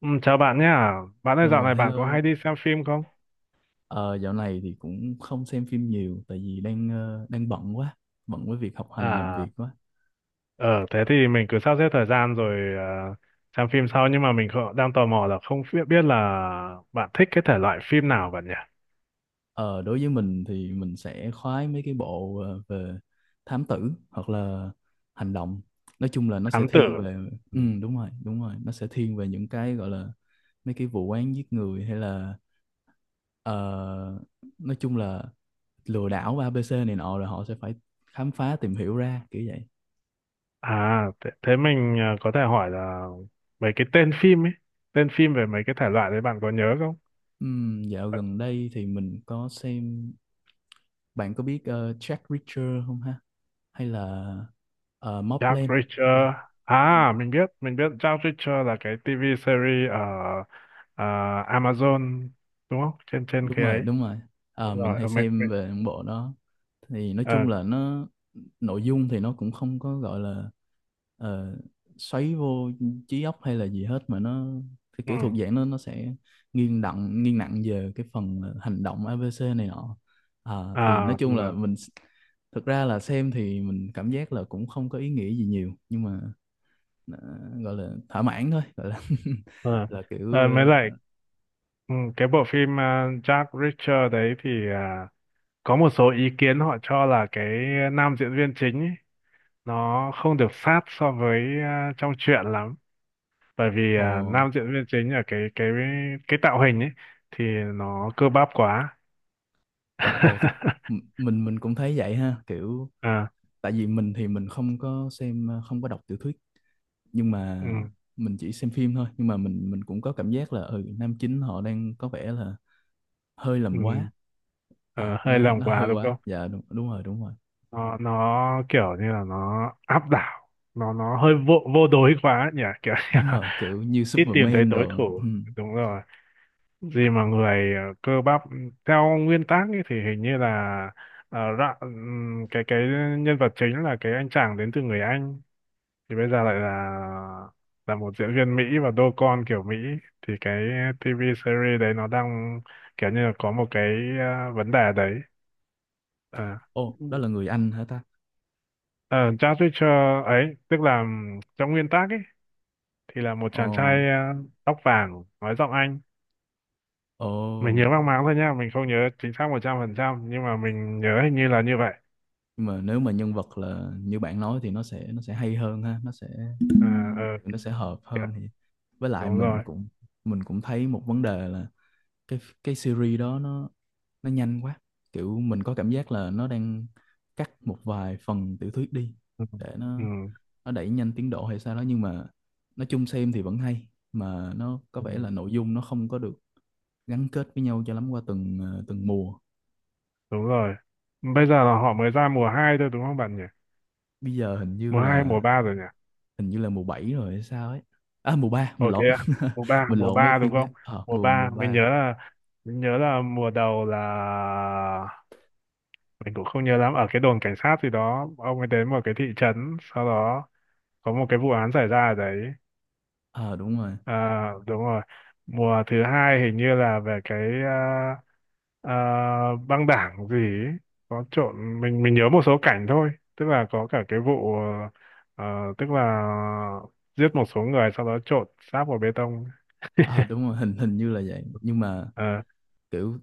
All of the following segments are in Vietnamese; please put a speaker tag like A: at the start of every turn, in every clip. A: Ừ, chào bạn nhá. Bạn ơi, dạo
B: Ờ,
A: này bạn có
B: Hello.
A: hay đi xem phim không?
B: Ờ, Dạo này thì cũng không xem phim nhiều tại vì đang đang bận quá, bận với việc học hành làm việc
A: À,
B: quá.
A: ờ thế thì mình cứ sắp xếp thời gian rồi, xem phim sau. Nhưng mà mình không, đang tò mò là không biết biết là bạn thích cái thể loại phim nào bạn nhỉ?
B: Ờ, Đối với mình thì mình sẽ khoái mấy cái bộ về thám tử hoặc là hành động. Nói chung là nó sẽ
A: Thám
B: thiên
A: tử.
B: về, ừ,
A: Ừ.
B: đúng rồi, nó sẽ thiên về những cái gọi là mấy cái vụ án giết người hay là ờ, nói chung là lừa đảo ABC này nọ rồi họ sẽ phải khám phá tìm hiểu ra kiểu vậy.
A: À, thế mình có thể hỏi là mấy cái tên phim ấy, tên phim về mấy cái thể loại đấy bạn có nhớ không?
B: Dạo gần đây thì mình có xem. Bạn có biết Jack Reacher không ha? Hay là
A: Jack
B: Mobland? À.
A: Reacher.
B: Ừ.
A: À, mình biết Jack Reacher là cái TV series ở ờ, Amazon đúng không? Trên trên
B: Đúng
A: cái
B: rồi,
A: ấy.
B: đúng rồi.
A: Đúng
B: Mình
A: rồi,
B: hay
A: mới,
B: xem về những bộ đó. Thì nói
A: ờ,
B: chung là nó, nội dung thì nó cũng không có gọi là ờ, xoáy vô trí óc hay là gì hết mà nó cái
A: ừ,
B: kiểu thuộc dạng nó sẽ nghiêng nặng về cái phần là hành động ABC này nọ. Thì nói
A: à,
B: chung là
A: ừ,
B: thực ra là xem thì mình cảm giác là cũng không có ý nghĩa gì nhiều nhưng mà nó gọi là thỏa mãn thôi, gọi là
A: ờ.
B: là kiểu
A: Ờ, mới
B: ờ,
A: lại ừ, cái bộ phim Jack Reacher đấy thì à, có một số ý kiến họ cho là cái nam diễn viên chính ấy, nó không được sát so với à, trong truyện lắm, bởi vì
B: Ồ,
A: à, nam diễn viên chính ở cái cái tạo hình ấy thì nó cơ bắp quá.
B: ồ, mình cũng thấy vậy ha, kiểu
A: À,
B: tại vì mình thì mình không có xem không có đọc tiểu thuyết nhưng
A: ừ,
B: mà mình chỉ xem phim thôi, nhưng mà mình cũng có cảm giác là ừ, nam chính họ đang có vẻ là hơi
A: ừ,
B: làm quá.
A: ờ,
B: À,
A: hơi lòng
B: nó
A: quá
B: hơi
A: đúng
B: quá.
A: không?
B: Dạ, đúng, đúng rồi, đúng rồi.
A: Nó kiểu như là nó áp đảo, nó hơi vô vô đối quá ấy nhỉ, kiểu như
B: Đúng
A: là
B: rồi, kiểu như
A: ít tìm thấy
B: Superman
A: đối
B: đồ, ừ.
A: thủ. Đúng rồi, gì mà người cơ bắp theo nguyên tắc ấy, thì hình như là cái nhân vật chính là cái anh chàng đến từ người Anh, thì bây giờ lại là một diễn viên Mỹ và đô con kiểu Mỹ, thì cái TV series đấy nó đang kiểu như là có một cái vấn đề đấy. Ờ.
B: Ồ, đó là người Anh hả ta?
A: Ờ, Jack Reacher ấy, tức là trong nguyên tác ấy, thì là một
B: Ồ.
A: chàng trai tóc vàng, nói giọng Anh.
B: Ồ,
A: Mình nhớ mang máng thôi nha, mình không nhớ chính xác 100%, nhưng mà mình nhớ hình như là như vậy.
B: nhưng mà nếu mà nhân vật là như bạn nói thì nó sẽ hay hơn ha, nó sẽ
A: À, ờ,
B: nó sẽ hợp
A: kìa,
B: hơn thì với lại
A: đúng
B: mình
A: rồi.
B: cũng mình cũng thấy một vấn đề là cái cái series đó nó nhanh quá, kiểu mình có cảm giác là nó đang cắt một vài phần tiểu thuyết đi
A: Ừ,
B: để
A: ừ,
B: nó đẩy nhanh tiến độ hay sao đó, nhưng mà nói chung xem thì vẫn hay mà nó có
A: ừ,
B: vẻ là nội dung nó không có được gắn kết với nhau cho lắm qua từng từng mùa.
A: đúng rồi. Bây giờ là họ mới ra mùa 2 thôi đúng không bạn nhỉ?
B: Bây giờ hình như
A: Mùa 2
B: là
A: mùa 3 rồi nhỉ?
B: hình như là mùa 7 rồi hay sao ấy. À, mùa ba, mình
A: Ồ thế
B: lộn
A: à? Mùa ba
B: mình
A: mùa
B: lộn với
A: ba đúng
B: phim khác,
A: không? Mùa
B: mùa mùa
A: 3
B: ba.
A: mình nhớ là mùa đầu là mình cũng không nhớ lắm, ở cái đồn cảnh sát gì đó ông ấy đến một cái thị trấn, sau đó có một cái vụ án xảy ra ở đấy.
B: Ờ Đúng rồi,
A: À, đúng rồi, mùa thứ hai hình như là về cái à, băng đảng gì ấy. Có trộn, mình nhớ một số cảnh thôi, tức là có cả cái vụ ờ, tức là giết một số người sau đó trộn xác vào bê tông.
B: ờ đúng rồi, hình hình như là vậy, nhưng mà
A: Ờ,
B: kiểu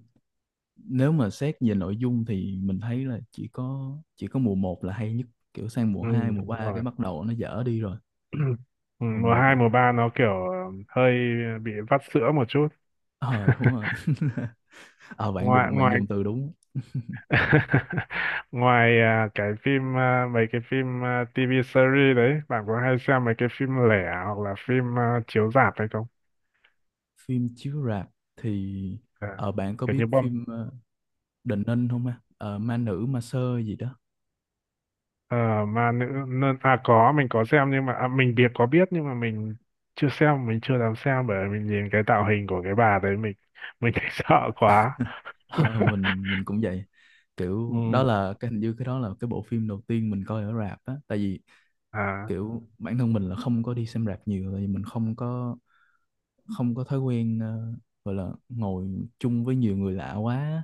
B: nếu mà xét về nội dung thì mình thấy là chỉ có mùa một là hay nhất, kiểu sang mùa
A: ừ,
B: 2 mùa
A: đúng
B: 3 cái
A: rồi.
B: bắt đầu nó dở đi rồi.
A: Ừ,
B: Mùa
A: mùa
B: một
A: hai
B: được,
A: mùa ba nó kiểu ờ, hơi bị vắt sữa một chút.
B: ờ đúng rồi ờ Bạn
A: ngoài
B: đúng, bạn
A: ngoài
B: dùng từ đúng.
A: ngoài à, cái phim à, mấy cái phim à, TV series đấy, bạn có hay xem mấy cái phim lẻ hoặc là phim à, chiếu rạp hay không?
B: Phim chiếu rạp thì
A: À,
B: bạn có
A: kiểu
B: biết
A: như bom
B: phim uh, Đình Ninh không ha? Ờ, ma nữ ma sơ gì đó.
A: à, ma nữ à, có, mình có xem, nhưng mà à, mình biết có biết, nhưng mà mình chưa xem, mình chưa dám xem, bởi vì mình nhìn cái tạo hình của cái bà đấy mình thấy sợ quá.
B: Ờ, mình cũng vậy, kiểu đó
A: Ừ.
B: là cái, hình như cái đó là cái bộ phim đầu tiên mình coi ở rạp á, tại vì
A: À,
B: kiểu bản thân mình là không có đi xem rạp nhiều tại vì mình không có thói quen gọi là ngồi chung với nhiều người lạ quá á.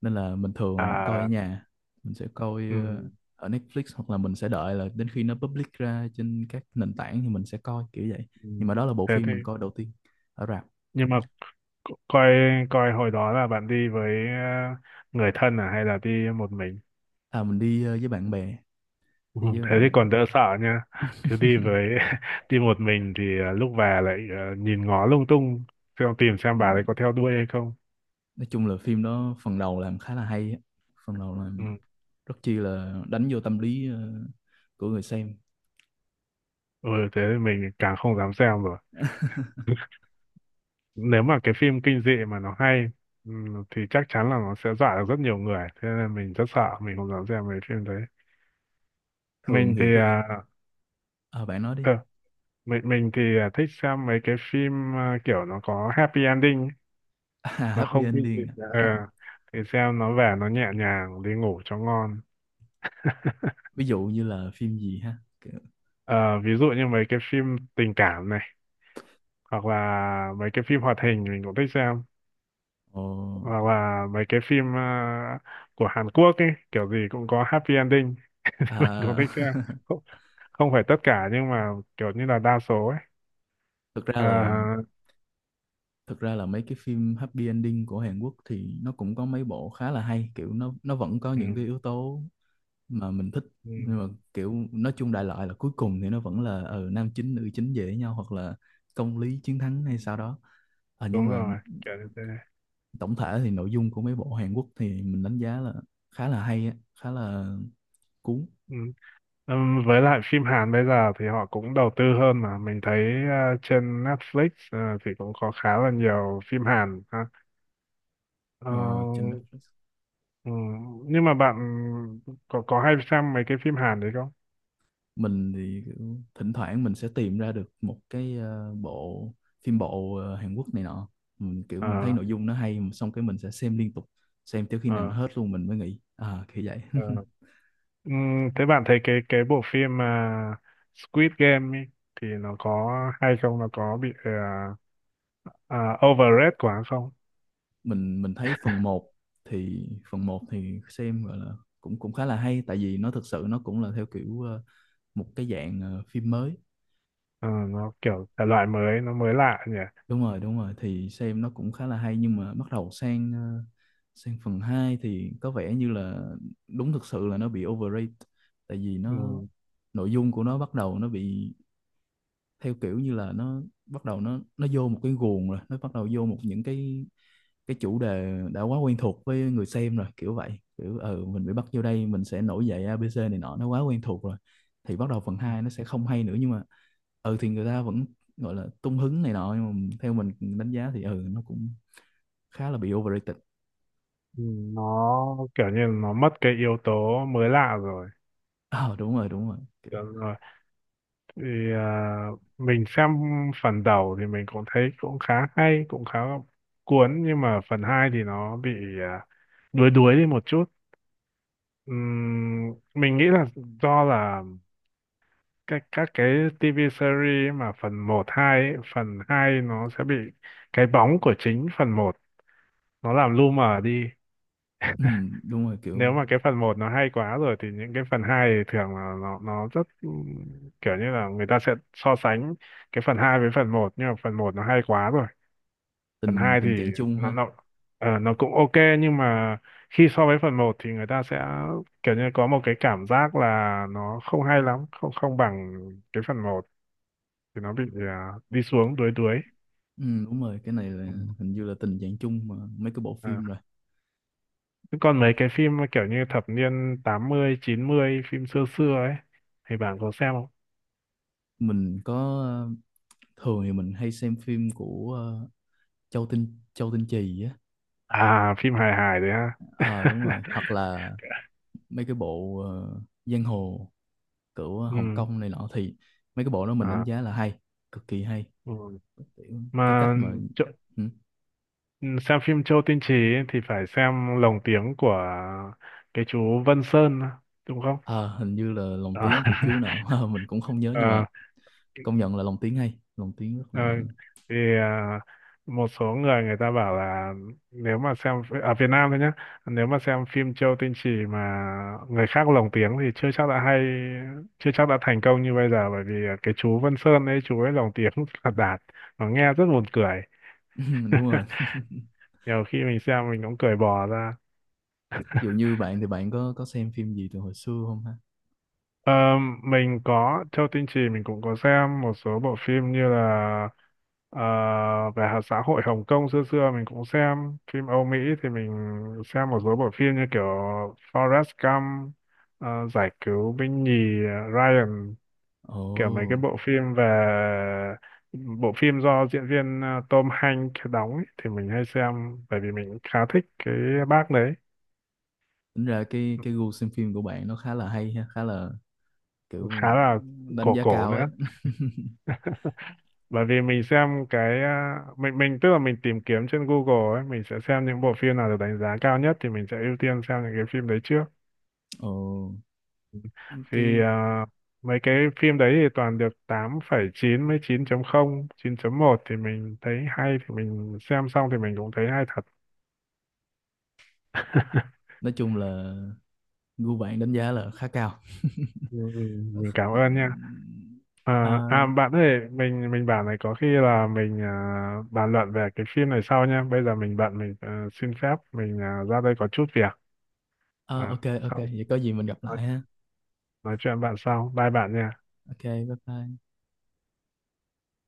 B: Nên là mình thường là mình coi ở
A: à,
B: nhà, mình sẽ coi
A: ừ,
B: ở Netflix hoặc là mình sẽ đợi là đến khi nó public ra trên các nền tảng thì mình sẽ coi kiểu vậy,
A: ừ.
B: nhưng mà đó là bộ
A: Thế
B: phim
A: thì,
B: mình coi đầu tiên ở rạp.
A: nhưng mà coi, coi hồi đó là bạn đi với người thân à, hay là đi một mình?
B: À, mình đi với bạn bè,
A: Ừ,
B: đi với
A: thế
B: bạn
A: thì
B: bè,
A: còn đỡ sợ nha, cứ đi với đi một mình thì lúc về lại nhìn ngó lung tung, xem tìm xem
B: ừ.
A: bà ấy có theo đuôi hay không.
B: Nói chung là phim đó phần đầu làm khá là hay á. Phần đầu
A: Ừ.
B: làm rất chi là đánh vô tâm lý của người xem.
A: Ừ, thế thì mình càng không dám xem rồi, nếu mà cái phim kinh dị mà nó hay, ừ, thì chắc chắn là nó sẽ dọa được rất nhiều người, thế nên mình rất sợ, mình không dám xem mấy phim đấy.
B: Thường
A: Mình thì
B: thì cái, à, bạn nói đi
A: ờ, mình thì à, thích xem mấy cái phim à, kiểu nó có happy ending ấy.
B: à,
A: Nó
B: happy
A: không kinh dị
B: ending
A: ờ,
B: à
A: thì xem nó về nó nhẹ nhàng đi ngủ cho ngon.
B: ví dụ như là phim gì ha?
A: Ờ, ví dụ như mấy cái phim tình cảm này, hoặc là mấy cái phim hoạt hình mình cũng thích xem,
B: Ồ,
A: hoặc là mấy cái phim của Hàn Quốc ấy, kiểu gì cũng có happy ending, thì mình cũng
B: à,
A: thích xem. Không, không phải tất cả, nhưng mà kiểu như là đa số ấy.
B: thực ra
A: Ờ,
B: là Thực ra là mấy cái phim happy ending của Hàn Quốc thì nó cũng có mấy bộ khá là hay, kiểu nó vẫn có
A: ừ,
B: những cái yếu tố mà mình thích,
A: ừ,
B: nhưng mà kiểu nói chung đại loại là cuối cùng thì nó vẫn là ừ, nam chính nữ chính về với nhau hoặc là công lý chiến thắng hay sao đó. À, nhưng
A: đúng
B: mà
A: rồi kiểu như thế.
B: tổng thể thì nội dung của mấy bộ Hàn Quốc thì mình đánh giá là khá là hay á, khá là cuốn.
A: Ừ. Với lại phim Hàn bây giờ thì họ cũng đầu tư hơn, mà mình thấy trên Netflix thì cũng có khá là nhiều phim Hàn ha. Ờ,
B: Ờ, Trên Netflix.
A: nhưng mà bạn có hay xem mấy cái phim Hàn đấy không?
B: Mình thì kiểu thỉnh thoảng mình sẽ tìm ra được một cái bộ phim bộ Hàn Quốc này nọ, mình kiểu mình thấy
A: Ờ,
B: nội dung nó hay, xong cái mình sẽ xem liên tục, xem tới khi nào
A: ờ,
B: nó hết luôn mình mới nghỉ à, kiểu vậy
A: ờ. Thế bạn thấy cái bộ phim mà Squid Game ấy, thì nó có hay không? Nó có bị ờ, overrated quá không?
B: Mình thấy phần một thì xem gọi là cũng cũng khá là hay tại vì nó thực sự nó cũng là theo kiểu một cái dạng phim mới.
A: Ờ, nó kiểu thể loại mới, nó mới lạ nhỉ?
B: Đúng rồi, đúng rồi, thì xem nó cũng khá là hay, nhưng mà bắt đầu sang sang phần 2 thì có vẻ như là đúng, thực sự là nó bị overrated, tại vì nó, nội dung của nó bắt đầu nó bị theo kiểu như là nó bắt đầu nó vô một cái guồng rồi, nó bắt đầu vô một những cái chủ đề đã quá quen thuộc với người xem rồi kiểu vậy. Kiểu, ừ, mình bị bắt vô đây mình sẽ nổi dậy ABC này nọ, nó quá quen thuộc rồi, thì bắt đầu phần 2 nó sẽ không hay nữa, nhưng mà ừ thì người ta vẫn gọi là tung hứng này nọ, nhưng mà theo mình đánh giá thì ừ nó cũng khá là bị overrated.
A: Ừ, nó kiểu như nó mất cái yếu tố mới lạ rồi.
B: Ờ Đúng rồi, đúng rồi, kiểu,
A: Đúng rồi, thì à, mình xem phần đầu thì mình cũng thấy cũng khá hay cũng khá cuốn, nhưng mà phần 2 thì nó bị à, đuối đuối đi một chút. Ừm, mình nghĩ là do là các cái TV series mà phần một 2 ấy, phần 2 nó sẽ bị cái bóng của chính phần một nó làm lu mờ đi.
B: ừ, đúng rồi,
A: Nếu
B: kiểu
A: mà cái phần một nó hay quá rồi thì những cái phần 2 thì thường là nó rất kiểu như là người ta sẽ so sánh cái phần 2 với phần một, nhưng mà phần một nó hay quá rồi. Phần
B: tình
A: 2 thì
B: tình trạng chung
A: nó
B: ha.
A: nó ờ, nó cũng ok, nhưng mà khi so với phần một thì người ta sẽ kiểu như có một cái cảm giác là nó không hay lắm, không không bằng cái phần một, thì nó bị à, đi xuống đuối đuối.
B: Ừ, đúng rồi, cái này là
A: Ừ.
B: hình như là tình trạng chung mà mấy cái bộ
A: À.
B: phim rồi.
A: Thế còn mấy cái phim mà kiểu như thập niên tám mươi chín mươi, phim xưa xưa ấy, thì bạn có xem không?
B: Mình có, ờ, thường thì mình hay xem phim của Châu Tinh Trì á.
A: À, phim hài hài đấy ha.
B: Ờ Đúng rồi, hoặc là mấy cái bộ giang hồ của Hồng
A: Ừ.
B: Kông này nọ thì mấy cái bộ đó mình đánh
A: À,
B: giá là hay, cực kỳ hay.
A: ừ.
B: Kiểu cái cách
A: Mà
B: mà,
A: chỗ,
B: ừ.
A: ừ, xem phim Châu Tinh Trì ấy thì phải xem lồng tiếng của cái chú Vân Sơn đúng không?
B: Ờ, Hình như là lồng
A: À.
B: tiếng của chú nào Mình cũng không nhớ nhưng mà
A: Ờ,
B: công nhận là lồng tiếng hay, lồng tiếng rất
A: ờ,
B: là
A: thì à, một số người người ta bảo là nếu mà xem ở Việt Nam thôi nhé, nếu mà xem phim Châu Tinh Chỉ mà người khác lồng tiếng thì chưa chắc đã hay, chưa chắc đã thành công như bây giờ, bởi vì à, cái chú Vân Sơn ấy chú ấy lồng tiếng là đạt, nó nghe rất buồn cười.
B: đúng rồi
A: Nhiều khi mình xem mình cũng cười bò ra.
B: Dù như bạn thì bạn có xem phim gì từ hồi xưa không ha?
A: Ờ, mình có, Châu Tinh Chỉ mình cũng có xem một số bộ phim như là ờ, về hạt xã hội Hồng Kông xưa xưa. Mình cũng xem phim Âu Mỹ, thì mình xem một số bộ phim như kiểu Forrest Gump, ờ, giải cứu binh nhì, ờ, Ryan, kiểu mấy cái
B: Ồ,
A: bộ phim về bộ phim do diễn viên Tom Hanks đóng ấy, thì mình hay xem bởi vì mình khá thích cái bác đấy.
B: tính ra cái gu xem phim của bạn nó khá là hay ha, khá là kiểu
A: Khá là
B: đánh
A: cổ
B: giá
A: cổ
B: cao ấy.
A: nữa, bởi vì mình xem cái à, mình tức là mình tìm kiếm trên Google ấy, mình sẽ xem những bộ phim nào được đánh giá cao nhất thì mình sẽ ưu tiên xem những cái phim đấy trước,
B: Ồ,
A: thì
B: cái,
A: à, mấy cái phim đấy thì toàn được 8,9 với 9.0 9.1, thì mình thấy hay thì mình xem xong thì mình cũng thấy hay thật.
B: nói chung là gu bạn đánh giá là khá cao
A: Ừ, ừ, mình cảm
B: Ờ,
A: ơn nha.
B: ờ,
A: À, à bạn ơi, mình bảo này, có khi là mình à, bàn luận về cái phim này sau nha, bây giờ mình bận, mình à, xin phép mình à, ra đây có chút việc.
B: ờ,
A: À,
B: ok ok
A: sau,
B: vậy có gì mình gặp lại ha.
A: nói chuyện bạn sau, bye bạn nha.
B: Ok, bye bye.